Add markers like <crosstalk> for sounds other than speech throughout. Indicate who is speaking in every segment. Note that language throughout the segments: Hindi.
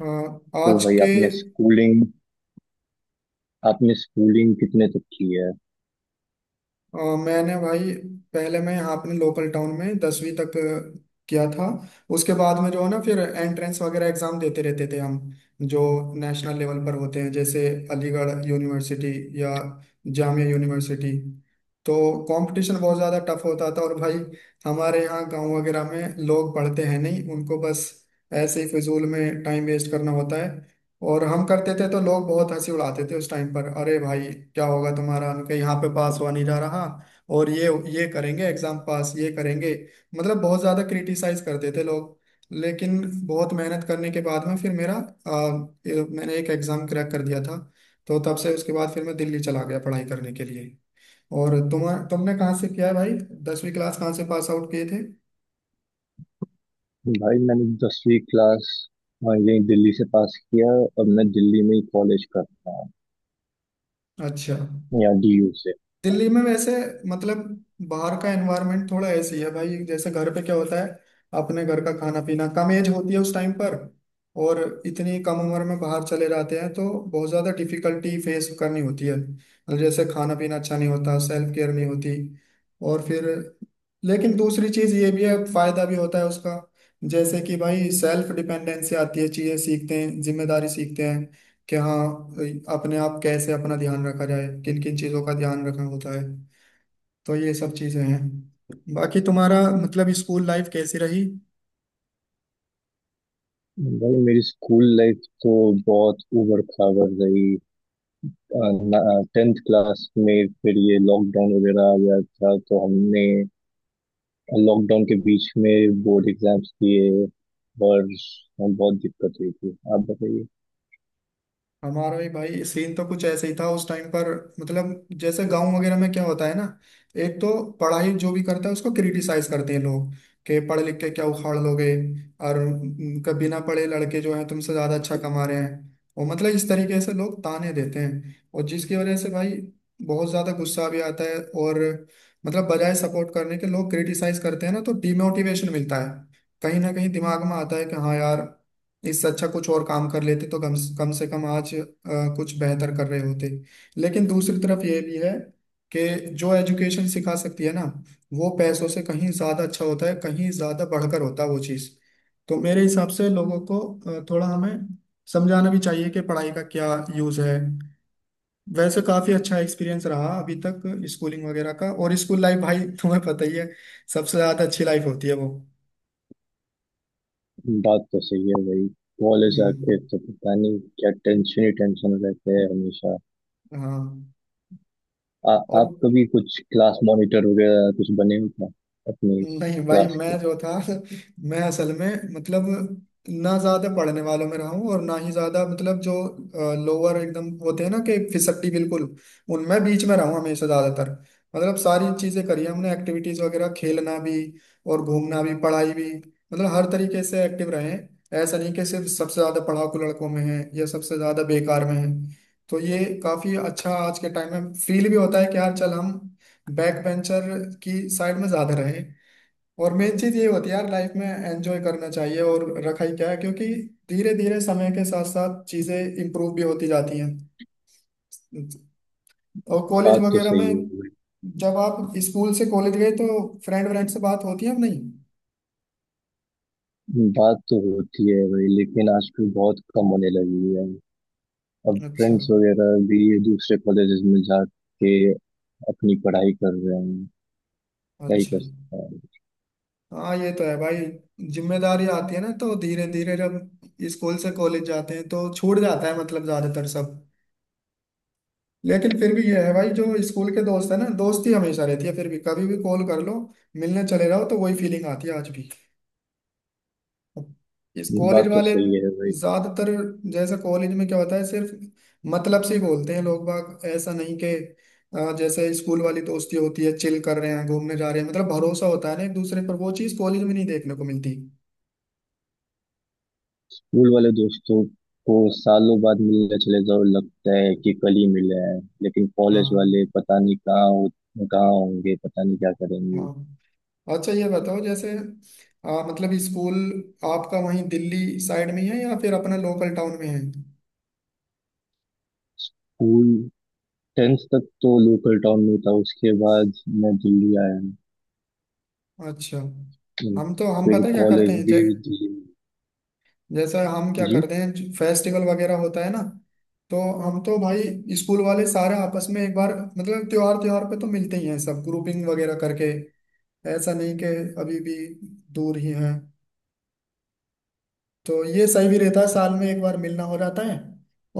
Speaker 1: हाँ,
Speaker 2: तो
Speaker 1: आज
Speaker 2: भाई
Speaker 1: के
Speaker 2: आपने स्कूलिंग कितने तक की है।
Speaker 1: अ, मैंने भाई पहले मैं यहाँ अपने लोकल टाउन में 10वीं तक किया था। उसके बाद में जो है ना फिर एंट्रेंस वगैरह एग्जाम देते रहते थे हम, जो नेशनल लेवल पर होते हैं, जैसे अलीगढ़ यूनिवर्सिटी या जामिया यूनिवर्सिटी। तो कंपटीशन बहुत ज़्यादा टफ होता था। और भाई हमारे यहाँ गांव वगैरह में लोग पढ़ते हैं नहीं, उनको बस ऐसे ही फिजूल में टाइम वेस्ट करना होता है, और हम करते थे तो लोग बहुत हंसी उड़ाते थे उस टाइम पर। अरे भाई क्या होगा तुम्हारा, उनके यहाँ पे पास हुआ नहीं जा रहा और ये करेंगे एग्जाम पास, ये करेंगे। मतलब बहुत ज्यादा क्रिटिसाइज करते थे लोग। लेकिन बहुत मेहनत करने के बाद में फिर मेरा मैंने एक एग्जाम क्रैक कर दिया था। तो तब से उसके बाद फिर मैं दिल्ली चला गया पढ़ाई करने के लिए। और तुमने कहाँ से किया है भाई? 10वीं क्लास कहाँ से पास आउट किए थे?
Speaker 2: भाई, मैंने 10वीं क्लास, हाँ, यही दिल्ली से पास किया। और मैं दिल्ली में ही कॉलेज कर रहा
Speaker 1: अच्छा।
Speaker 2: हूँ, यहाँ डीयू से।
Speaker 1: दिल्ली में वैसे मतलब बाहर का एनवायरनमेंट थोड़ा ऐसी है भाई, जैसे घर पे क्या होता है अपने घर का खाना पीना, कम एज होती है उस टाइम पर। और इतनी कम उम्र में बाहर चले जाते हैं तो बहुत ज़्यादा डिफिकल्टी फेस करनी होती है, मतलब जैसे खाना पीना अच्छा नहीं होता, सेल्फ केयर नहीं होती। और फिर लेकिन दूसरी चीज़ ये भी है, फायदा भी होता है उसका। जैसे कि भाई सेल्फ डिपेंडेंसी आती है, चीज़ें सीखते हैं, जिम्मेदारी सीखते हैं कि हाँ, अपने आप कैसे अपना ध्यान रखा जाए, किन किन चीज़ों का ध्यान रखना होता है। तो ये सब चीज़ें हैं। बाकी तुम्हारा मतलब स्कूल लाइफ कैसी रही?
Speaker 2: भाई मेरी स्कूल लाइफ तो बहुत उबड़ खाबड़ रही। 10th क्लास में फिर ये लॉकडाउन वगैरह आ गया था तो हमने लॉकडाउन के बीच में बोर्ड एग्जाम्स दिए, और बहुत दिक्कत हुई थी। आप बताइए।
Speaker 1: हमारा भी भाई सीन तो कुछ ऐसे ही था उस टाइम पर। मतलब जैसे गांव वगैरह में क्या होता है ना, एक तो पढ़ाई जो भी करता है उसको क्रिटिसाइज करते हैं लोग कि पढ़ लिख के क्या उखाड़ लोगे। और कभी ना पढ़े लड़के जो हैं तुमसे ज्यादा अच्छा कमा रहे हैं, और मतलब इस तरीके से लोग ताने देते हैं, और जिसकी वजह से भाई बहुत ज्यादा गुस्सा भी आता है। और मतलब बजाय सपोर्ट करने के लोग क्रिटिसाइज करते हैं ना, तो डिमोटिवेशन मिलता है। कहीं ना कहीं दिमाग में आता है कि हाँ यार, इससे अच्छा कुछ और काम कर लेते तो कम कम से कम आज कुछ बेहतर कर रहे होते। लेकिन दूसरी तरफ ये भी है कि जो एजुकेशन सिखा सकती है ना, वो पैसों से कहीं ज्यादा अच्छा होता है, कहीं ज्यादा बढ़कर होता है वो चीज़। तो मेरे हिसाब से लोगों को थोड़ा हमें समझाना भी चाहिए कि पढ़ाई का क्या यूज है। वैसे काफी अच्छा एक्सपीरियंस रहा अभी तक स्कूलिंग वगैरह का। और स्कूल लाइफ भाई तुम्हें पता ही है, सबसे ज्यादा अच्छी लाइफ होती है वो।
Speaker 2: बात तो सही है भाई, कॉलेज आके
Speaker 1: हम्म,
Speaker 2: तो पता नहीं क्या टेंशन ही टेंशन रहते हैं हमेशा।
Speaker 1: हाँ।
Speaker 2: आ,
Speaker 1: और
Speaker 2: आप कभी कुछ क्लास मॉनिटर वगैरह कुछ बने हो क्या, अपनी
Speaker 1: नहीं भाई
Speaker 2: क्लास के।
Speaker 1: मैं जो था <laughs> मैं असल में मतलब ना ज्यादा पढ़ने वालों में रहा हूँ और ना ही ज्यादा, मतलब जो लोअर एकदम होते हैं ना कि फिसड्डी बिल्कुल, उनमें बीच में रहा हूँ हमेशा ज्यादातर। मतलब सारी चीजें करी हैं हमने, एक्टिविटीज वगैरह, खेलना भी और घूमना भी पढ़ाई भी। मतलब हर तरीके से एक्टिव रहे हैं। ऐसा नहीं कि सिर्फ सबसे ज्यादा पढ़ाकू लड़कों में है या सबसे ज्यादा बेकार में है। तो ये काफी अच्छा आज के टाइम में फील भी होता है कि यार, चल हम बैक बेंचर की साइड में ज्यादा रहे। और मेन चीज ये होती है यार, लाइफ में एंजॉय करना चाहिए, और रखा ही क्या है, क्योंकि धीरे धीरे समय के साथ साथ चीजें इम्प्रूव भी होती जाती हैं। और कॉलेज
Speaker 2: बात तो
Speaker 1: वगैरह
Speaker 2: सही है
Speaker 1: में,
Speaker 2: भाई।
Speaker 1: जब आप स्कूल से कॉलेज गए तो फ्रेंड व्रेंड से बात होती है अब नहीं?
Speaker 2: बात तो होती है भाई, लेकिन आजकल बहुत कम होने लगी है। अब
Speaker 1: अच्छा।
Speaker 2: फ्रेंड्स वगैरह भी दूसरे कॉलेजेस में जाके अपनी पढ़ाई कर रहे हैं, क्या ही
Speaker 1: अच्छा।
Speaker 2: कर सकता है।
Speaker 1: हाँ ये तो है भाई, जिम्मेदारी आती है ना तो धीरे धीरे जब स्कूल से कॉलेज जाते हैं तो छूट जाता है मतलब ज्यादातर सब। लेकिन फिर भी ये है भाई, जो स्कूल के दोस्त है ना दोस्ती हमेशा रहती है फिर भी, कभी भी कॉल कर लो, मिलने चले जाओ तो वही फीलिंग आती है आज भी। इस
Speaker 2: ये
Speaker 1: कॉलेज
Speaker 2: बात तो
Speaker 1: वाले
Speaker 2: सही है भाई।
Speaker 1: ज्यादातर, जैसे कॉलेज में क्या होता है, सिर्फ मतलब से ही बोलते हैं लोग बाग। ऐसा नहीं कि जैसे स्कूल वाली दोस्ती होती है चिल कर रहे हैं घूमने जा रहे हैं, मतलब भरोसा होता है ना एक दूसरे पर, वो चीज कॉलेज में नहीं देखने को मिलती।
Speaker 2: स्कूल वाले दोस्तों को सालों बाद मिलने चले जाओ, लगता है कि कल
Speaker 1: <laughs>
Speaker 2: ही मिले हैं। लेकिन कॉलेज
Speaker 1: हाँ।
Speaker 2: वाले पता नहीं कहाँ होंगे, पता नहीं क्या करेंगे।
Speaker 1: हाँ, अच्छा ये बताओ जैसे मतलब स्कूल आपका वहीं दिल्ली साइड में ही है या फिर अपना लोकल टाउन में है?
Speaker 2: स्कूल 10th तक तो लोकल टाउन में था, उसके बाद मैं दिल्ली आया।
Speaker 1: अच्छा। हम तो हम
Speaker 2: फिर
Speaker 1: पता क्या करते
Speaker 2: कॉलेज
Speaker 1: हैं
Speaker 2: भी दिल्ली में।
Speaker 1: जैसा, हम क्या
Speaker 2: जी।
Speaker 1: करते हैं फेस्टिवल वगैरह होता है ना, तो हम तो भाई स्कूल वाले सारे आपस में एक बार मतलब त्योहार त्योहार पे तो मिलते ही हैं सब, ग्रुपिंग वगैरह करके। ऐसा नहीं कि अभी भी दूर ही हैं। तो ये सही भी रहता है, साल में एक बार मिलना हो जाता है।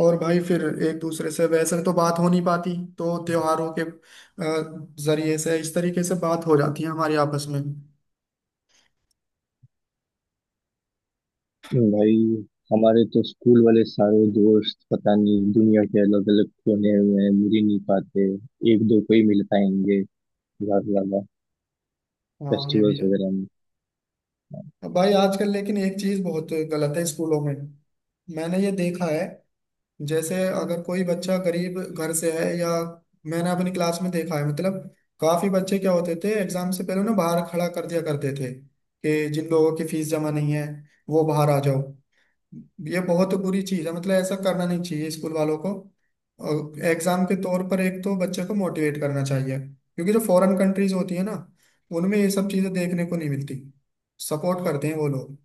Speaker 1: और भाई फिर एक दूसरे से वैसे तो बात हो नहीं पाती, तो त्योहारों के जरिए से इस तरीके से बात हो जाती है हमारे आपस में।
Speaker 2: भाई, हमारे तो स्कूल वाले सारे दोस्त पता नहीं दुनिया के अलग अलग कोने में हैं, मिल ही नहीं पाते। एक दो को ही मिल पाएंगे ज्यादा ज्यादा,
Speaker 1: हाँ ये भी
Speaker 2: फेस्टिवल्स
Speaker 1: है।
Speaker 2: वगैरह।
Speaker 1: अब भाई आजकल लेकिन एक चीज बहुत गलत है स्कूलों में, मैंने ये देखा है। जैसे अगर कोई बच्चा गरीब घर से है, या मैंने अपनी क्लास में देखा है मतलब काफी बच्चे क्या होते थे एग्जाम से पहले ना बाहर खड़ा कर दिया करते थे कि जिन लोगों की फीस जमा नहीं है वो बाहर आ जाओ। ये बहुत बुरी चीज है, मतलब ऐसा करना नहीं चाहिए स्कूल वालों को। और एग्जाम के तौर पर एक तो बच्चे को मोटिवेट करना चाहिए, क्योंकि जो फॉरेन कंट्रीज होती है ना उनमें ये सब चीजें देखने को नहीं मिलती, सपोर्ट करते हैं वो लोग।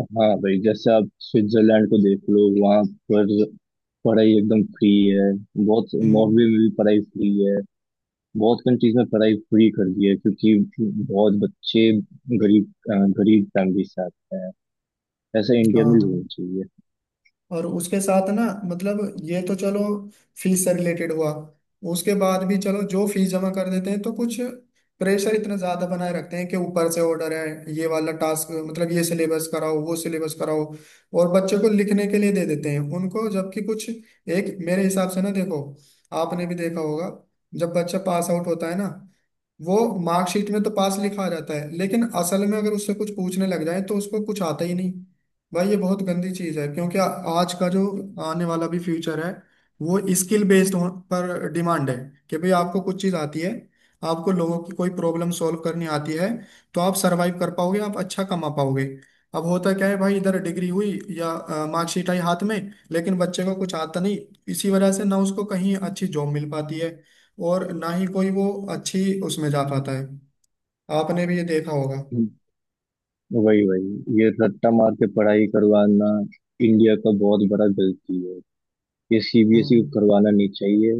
Speaker 2: हाँ भाई, जैसे आप स्विट्जरलैंड को देख लो, वहाँ पर पढ़ाई एकदम फ्री है। बहुत
Speaker 1: हम्म।
Speaker 2: नॉर्वे में भी पढ़ाई फ्री है। बहुत कंट्रीज में पढ़ाई फ्री कर दी है, क्योंकि बहुत बच्चे गरीब, अ, गरीब फैमिली से आते हैं। ऐसा इंडिया में भी होना
Speaker 1: हाँ।
Speaker 2: चाहिए।
Speaker 1: और उसके साथ ना मतलब ये तो चलो फीस से रिलेटेड हुआ। उसके बाद भी चलो जो फीस जमा कर देते हैं तो कुछ प्रेशर इतना ज्यादा बनाए रखते हैं कि ऊपर से ऑर्डर है ये वाला टास्क, मतलब ये सिलेबस कराओ वो सिलेबस कराओ, और बच्चे को लिखने के लिए दे देते हैं उनको, जबकि कुछ एक मेरे हिसाब से ना देखो, आपने भी देखा होगा जब बच्चा पास आउट होता है ना वो मार्कशीट में तो पास लिखा रहता है, लेकिन असल में अगर उससे कुछ पूछने लग जाए तो उसको कुछ आता ही नहीं। भाई ये बहुत गंदी चीज है, क्योंकि आज का जो आने वाला भी फ्यूचर है वो स्किल बेस्ड पर डिमांड है, कि भाई आपको कुछ चीज आती है, आपको लोगों की कोई प्रॉब्लम सॉल्व करनी आती है तो आप सरवाइव कर पाओगे, आप अच्छा कमा पाओगे। अब होता क्या है भाई, इधर डिग्री हुई या मार्कशीट आई हाथ में, लेकिन बच्चे को कुछ आता नहीं। इसी वजह से ना उसको कहीं अच्छी जॉब मिल पाती है, और ना ही कोई वो अच्छी उसमें जा पाता है। आपने भी ये देखा होगा।
Speaker 2: वही वही, ये रट्टा मार के पढ़ाई करवाना इंडिया का बहुत बड़ा गलती है। ये सीबीएसई को
Speaker 1: हम्म।
Speaker 2: करवाना नहीं चाहिए।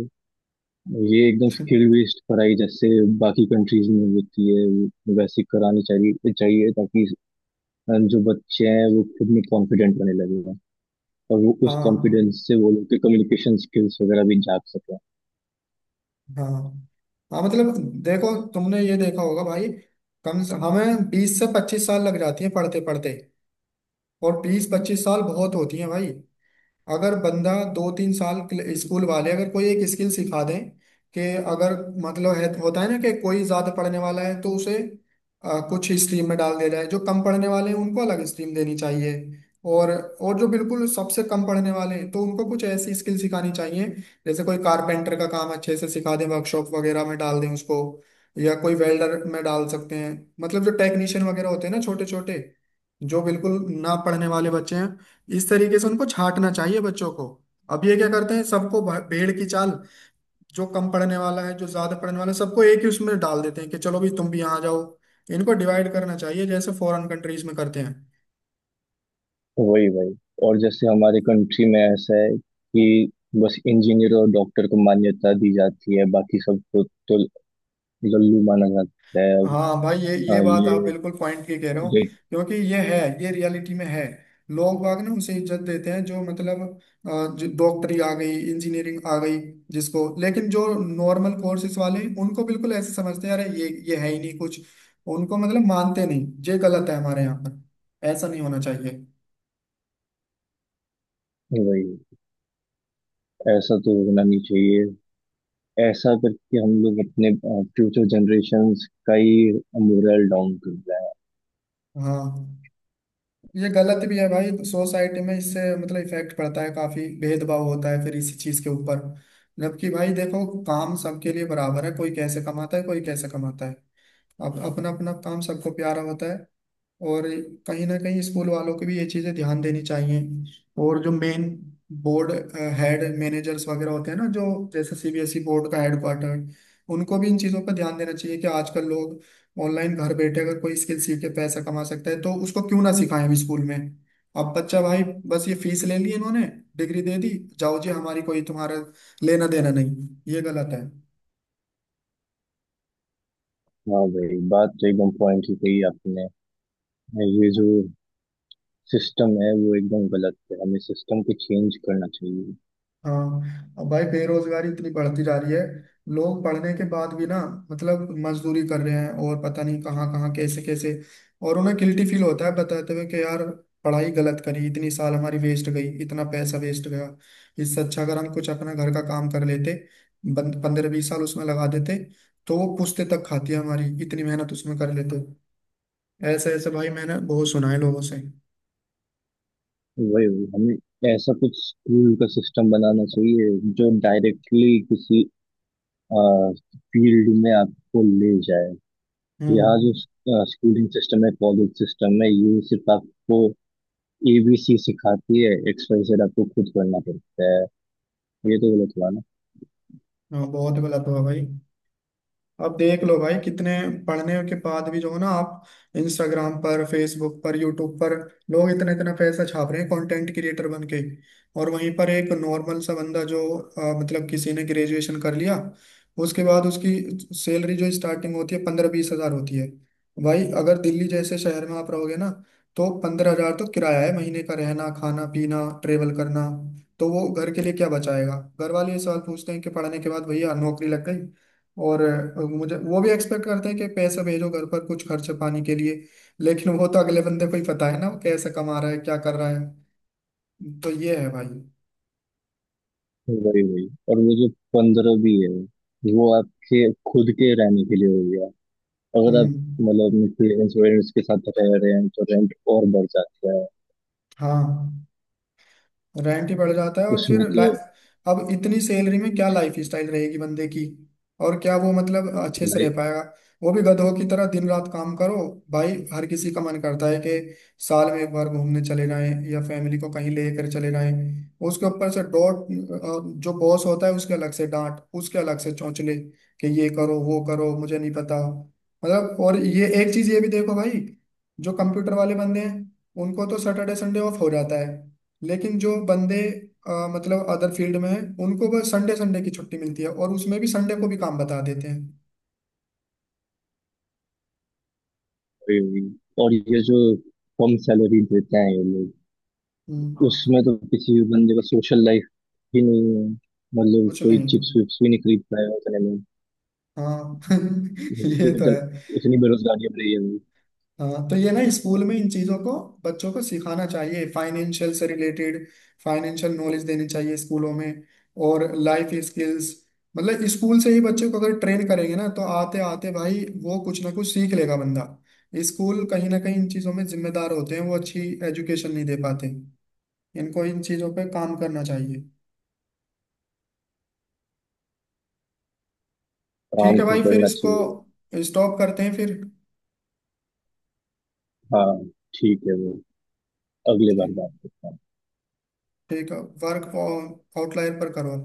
Speaker 2: ये एकदम स्किल
Speaker 1: <laughs>
Speaker 2: बेस्ड पढ़ाई जैसे बाकी कंट्रीज में होती है, वो वैसे करानी चाहिए चाहिए, ताकि जो बच्चे हैं वो खुद में कॉन्फिडेंट बने लगे, और वो उस
Speaker 1: हाँ,
Speaker 2: कॉन्फिडेंस से वो लोग के कम्युनिकेशन स्किल्स वगैरह भी जाग सकें।
Speaker 1: हाँ। हाँ, मतलब देखो तुमने ये देखा होगा भाई, कम से हमें 20 से 25 साल लग जाती है पढ़ते पढ़ते, और 20-25 साल बहुत होती है भाई। अगर बंदा दो तीन स्कूल वाले अगर कोई एक स्किल सिखा दें, कि अगर मतलब है होता है ना कि कोई ज्यादा पढ़ने वाला है तो उसे कुछ स्ट्रीम में डाल दिया जाए, जो कम पढ़ने वाले हैं उनको अलग स्ट्रीम देनी चाहिए, और और जो बिल्कुल सबसे कम पढ़ने वाले हैं तो उनको कुछ ऐसी स्किल सिखानी चाहिए, जैसे कोई कारपेंटर का काम अच्छे से सिखा दें, वर्कशॉप वगैरह में डाल दें उसको, या कोई वेल्डर में डाल सकते हैं। मतलब जो टेक्नीशियन वगैरह होते हैं ना छोटे छोटे, जो बिल्कुल ना पढ़ने वाले बच्चे हैं, इस तरीके से उनको छांटना चाहिए बच्चों को। अब ये क्या करते हैं सबको भेड़ की चाल, जो कम पढ़ने वाला है जो ज्यादा पढ़ने वाला है सबको एक ही उसमें डाल देते हैं कि चलो भी तुम भी यहाँ आ जाओ। इनको डिवाइड करना चाहिए जैसे फॉरेन कंट्रीज में करते हैं।
Speaker 2: वही वही। और जैसे हमारे कंट्री में ऐसा है कि बस इंजीनियर और डॉक्टर को मान्यता दी जाती है, बाकी सबको तो लल्लू माना जाता है अब।
Speaker 1: हाँ भाई, ये
Speaker 2: अ,
Speaker 1: बात आप
Speaker 2: ये
Speaker 1: बिल्कुल पॉइंट की कह रहे हो,
Speaker 2: ये-
Speaker 1: क्योंकि ये है, ये रियलिटी में है। लोग बाग ना उसे इज्जत देते हैं जो मतलब जो डॉक्टरी आ गई इंजीनियरिंग आ गई जिसको, लेकिन जो नॉर्मल कोर्सेज वाले उनको बिल्कुल ऐसे समझते हैं, अरे ये है ही नहीं कुछ, उनको मतलब मानते नहीं। ये गलत है हमारे यहाँ पर, ऐसा नहीं होना चाहिए।
Speaker 2: वही, ऐसा तो होना नहीं चाहिए। ऐसा करके हम लोग अपने फ्यूचर जनरेशन्स का ही मोरल डाउन कर रहे हैं।
Speaker 1: हाँ ये गलत भी है भाई, सोसाइटी में इससे मतलब इफेक्ट पड़ता है, काफी भेदभाव होता है फिर इसी चीज के ऊपर। जबकि भाई देखो काम सबके लिए बराबर है, कोई कैसे कमाता है कोई कैसे कमाता है, अब अपना अपना काम सबको प्यारा होता है। और कहीं ना कहीं स्कूल वालों को भी ये चीज़ें ध्यान देनी चाहिए। और जो मेन बोर्ड हेड मैनेजर्स वगैरह होते हैं ना, जो जैसे सीबीएसई बोर्ड का हेडक्वार्टर, उनको भी इन चीज़ों पर ध्यान देना चाहिए कि आजकल लोग ऑनलाइन घर बैठे अगर कोई स्किल सीख के पैसा कमा सकता है तो उसको क्यों ना सिखाएं अभी स्कूल में। अब बच्चा भाई, बस ये फीस ले ली इन्होंने, डिग्री दे दी, जाओ जी, हमारी कोई तुम्हारा लेना देना नहीं। ये गलत है।
Speaker 2: हाँ भाई, बात तो एकदम पॉइंट ही कही आपने। ये जो सिस्टम है वो एकदम गलत है, हमें सिस्टम को चेंज करना चाहिए।
Speaker 1: हाँ, अब भाई बेरोजगारी इतनी बढ़ती जा रही है, लोग पढ़ने के बाद भी ना मतलब मजदूरी कर रहे हैं और पता नहीं कहाँ कहाँ कैसे कैसे। और उन्हें गिल्टी फील होता है बताते हुए कि यार पढ़ाई गलत करी, इतनी साल हमारी वेस्ट गई, इतना पैसा वेस्ट गया। इससे अच्छा अगर हम कुछ अपना घर का काम कर लेते, 15-20 साल उसमें लगा देते, तो वो पुश्ते तक खाती है हमारी, इतनी मेहनत उसमें कर लेते। ऐसे ऐसे भाई मैंने बहुत सुना है लोगों से।
Speaker 2: वही वही, हमें ऐसा कुछ स्कूल का सिस्टम बनाना चाहिए जो डायरेक्टली किसी फील्ड में आपको ले जाए। यहाँ
Speaker 1: हम्म।
Speaker 2: जो स्कूलिंग सिस्टम है, कॉलेज सिस्टम है, ये सिर्फ आपको एबीसी सिखाती है, एक्स वाई जेड आपको खुद करना पड़ता है। ये तो गलत हुआ ना।
Speaker 1: हाँ, बहुत गलत हुआ भाई। अब देख लो भाई कितने पढ़ने के बाद भी जो है ना आप इंस्टाग्राम पर फेसबुक पर यूट्यूब पर, लोग इतना इतना पैसा छाप रहे हैं कंटेंट क्रिएटर बन के। और वहीं पर एक नॉर्मल सा बंदा जो मतलब किसी ने ग्रेजुएशन कर लिया, उसके बाद उसकी सैलरी जो स्टार्टिंग होती है 15-20 हजार होती है। भाई अगर दिल्ली जैसे शहर में आप रहोगे ना तो 15 हजार तो किराया है महीने का, रहना खाना पीना ट्रेवल करना, तो वो घर के लिए क्या बचाएगा? घर वाले ये सवाल पूछते हैं कि पढ़ने के बाद भैया नौकरी लग गई, और मुझे वो भी एक्सपेक्ट करते हैं कि पैसे भेजो घर पर कुछ खर्च पानी के लिए। लेकिन वो तो अगले बंदे को ही पता है ना वो कैसे कमा रहा है क्या कर रहा है। तो ये है भाई।
Speaker 2: वही वही। और वो जो 15 भी है, वो आपके खुद के रहने के लिए हो गया। अगर आप
Speaker 1: हम्म।
Speaker 2: मतलब क्लियरेंस वेयरेंस के साथ रह रहे हैं तो रेंट और बढ़ जाता है।
Speaker 1: हाँ, रेंट ही बढ़ जाता है और
Speaker 2: उसमें
Speaker 1: फिर
Speaker 2: तो
Speaker 1: अब इतनी सैलरी में क्या लाइफ स्टाइल रहेगी बंदे की, और क्या वो मतलब अच्छे से रह
Speaker 2: लाइफ।
Speaker 1: पाएगा? वो भी गधों की तरह दिन रात काम करो। भाई हर किसी का मन करता है कि साल में एक बार घूमने चले जाएं या फैमिली को कहीं लेकर चले जाएं। उसके ऊपर से डॉट, जो बॉस होता है उसके अलग से डांट, उसके अलग से चौंचले, कि ये करो वो करो मुझे नहीं पता। मतलब और ये एक चीज ये भी देखो भाई, जो कंप्यूटर वाले बंदे हैं उनको तो सैटरडे संडे ऑफ हो जाता है, लेकिन जो बंदे मतलब अदर फील्ड में हैं उनको बस संडे संडे की छुट्टी मिलती है, और उसमें भी संडे को भी काम बता देते हैं।
Speaker 2: वही हुई। और ये जो कम सैलरी देते हैं ये लोग,
Speaker 1: हम्म,
Speaker 2: उसमें तो किसी भी बंदे का सोशल लाइफ ही नहीं है, मतलब
Speaker 1: कुछ
Speaker 2: कोई चिप्स
Speaker 1: नहीं।
Speaker 2: विप्स भी नहीं खरीद पाएगा उतने में।
Speaker 1: हाँ। <laughs> ये तो
Speaker 2: उतन,
Speaker 1: है।
Speaker 2: उतनी बेरोजगारी अब रही है।
Speaker 1: हाँ तो ये ना स्कूल में इन चीजों को बच्चों को सिखाना चाहिए, फाइनेंशियल से रिलेटेड फाइनेंशियल नॉलेज देनी चाहिए स्कूलों में, और लाइफ स्किल्स। मतलब स्कूल से ही बच्चे को अगर ट्रेन करेंगे ना तो आते आते भाई वो कुछ ना कुछ सीख लेगा बंदा। स्कूल कहीं ना कहीं इन चीजों में जिम्मेदार होते हैं, वो अच्छी एजुकेशन नहीं दे पाते, इनको इन चीजों पे काम करना चाहिए। ठीक
Speaker 2: आराम
Speaker 1: है
Speaker 2: से
Speaker 1: भाई, फिर
Speaker 2: पढ़ना
Speaker 1: इसको
Speaker 2: चाहिए।
Speaker 1: स्टॉप करते हैं फिर।
Speaker 2: हाँ ठीक है, वो अगले
Speaker 1: ठीक।
Speaker 2: बार बात करते हैं।
Speaker 1: ठीक है। वर्क आउटलायर पर करो।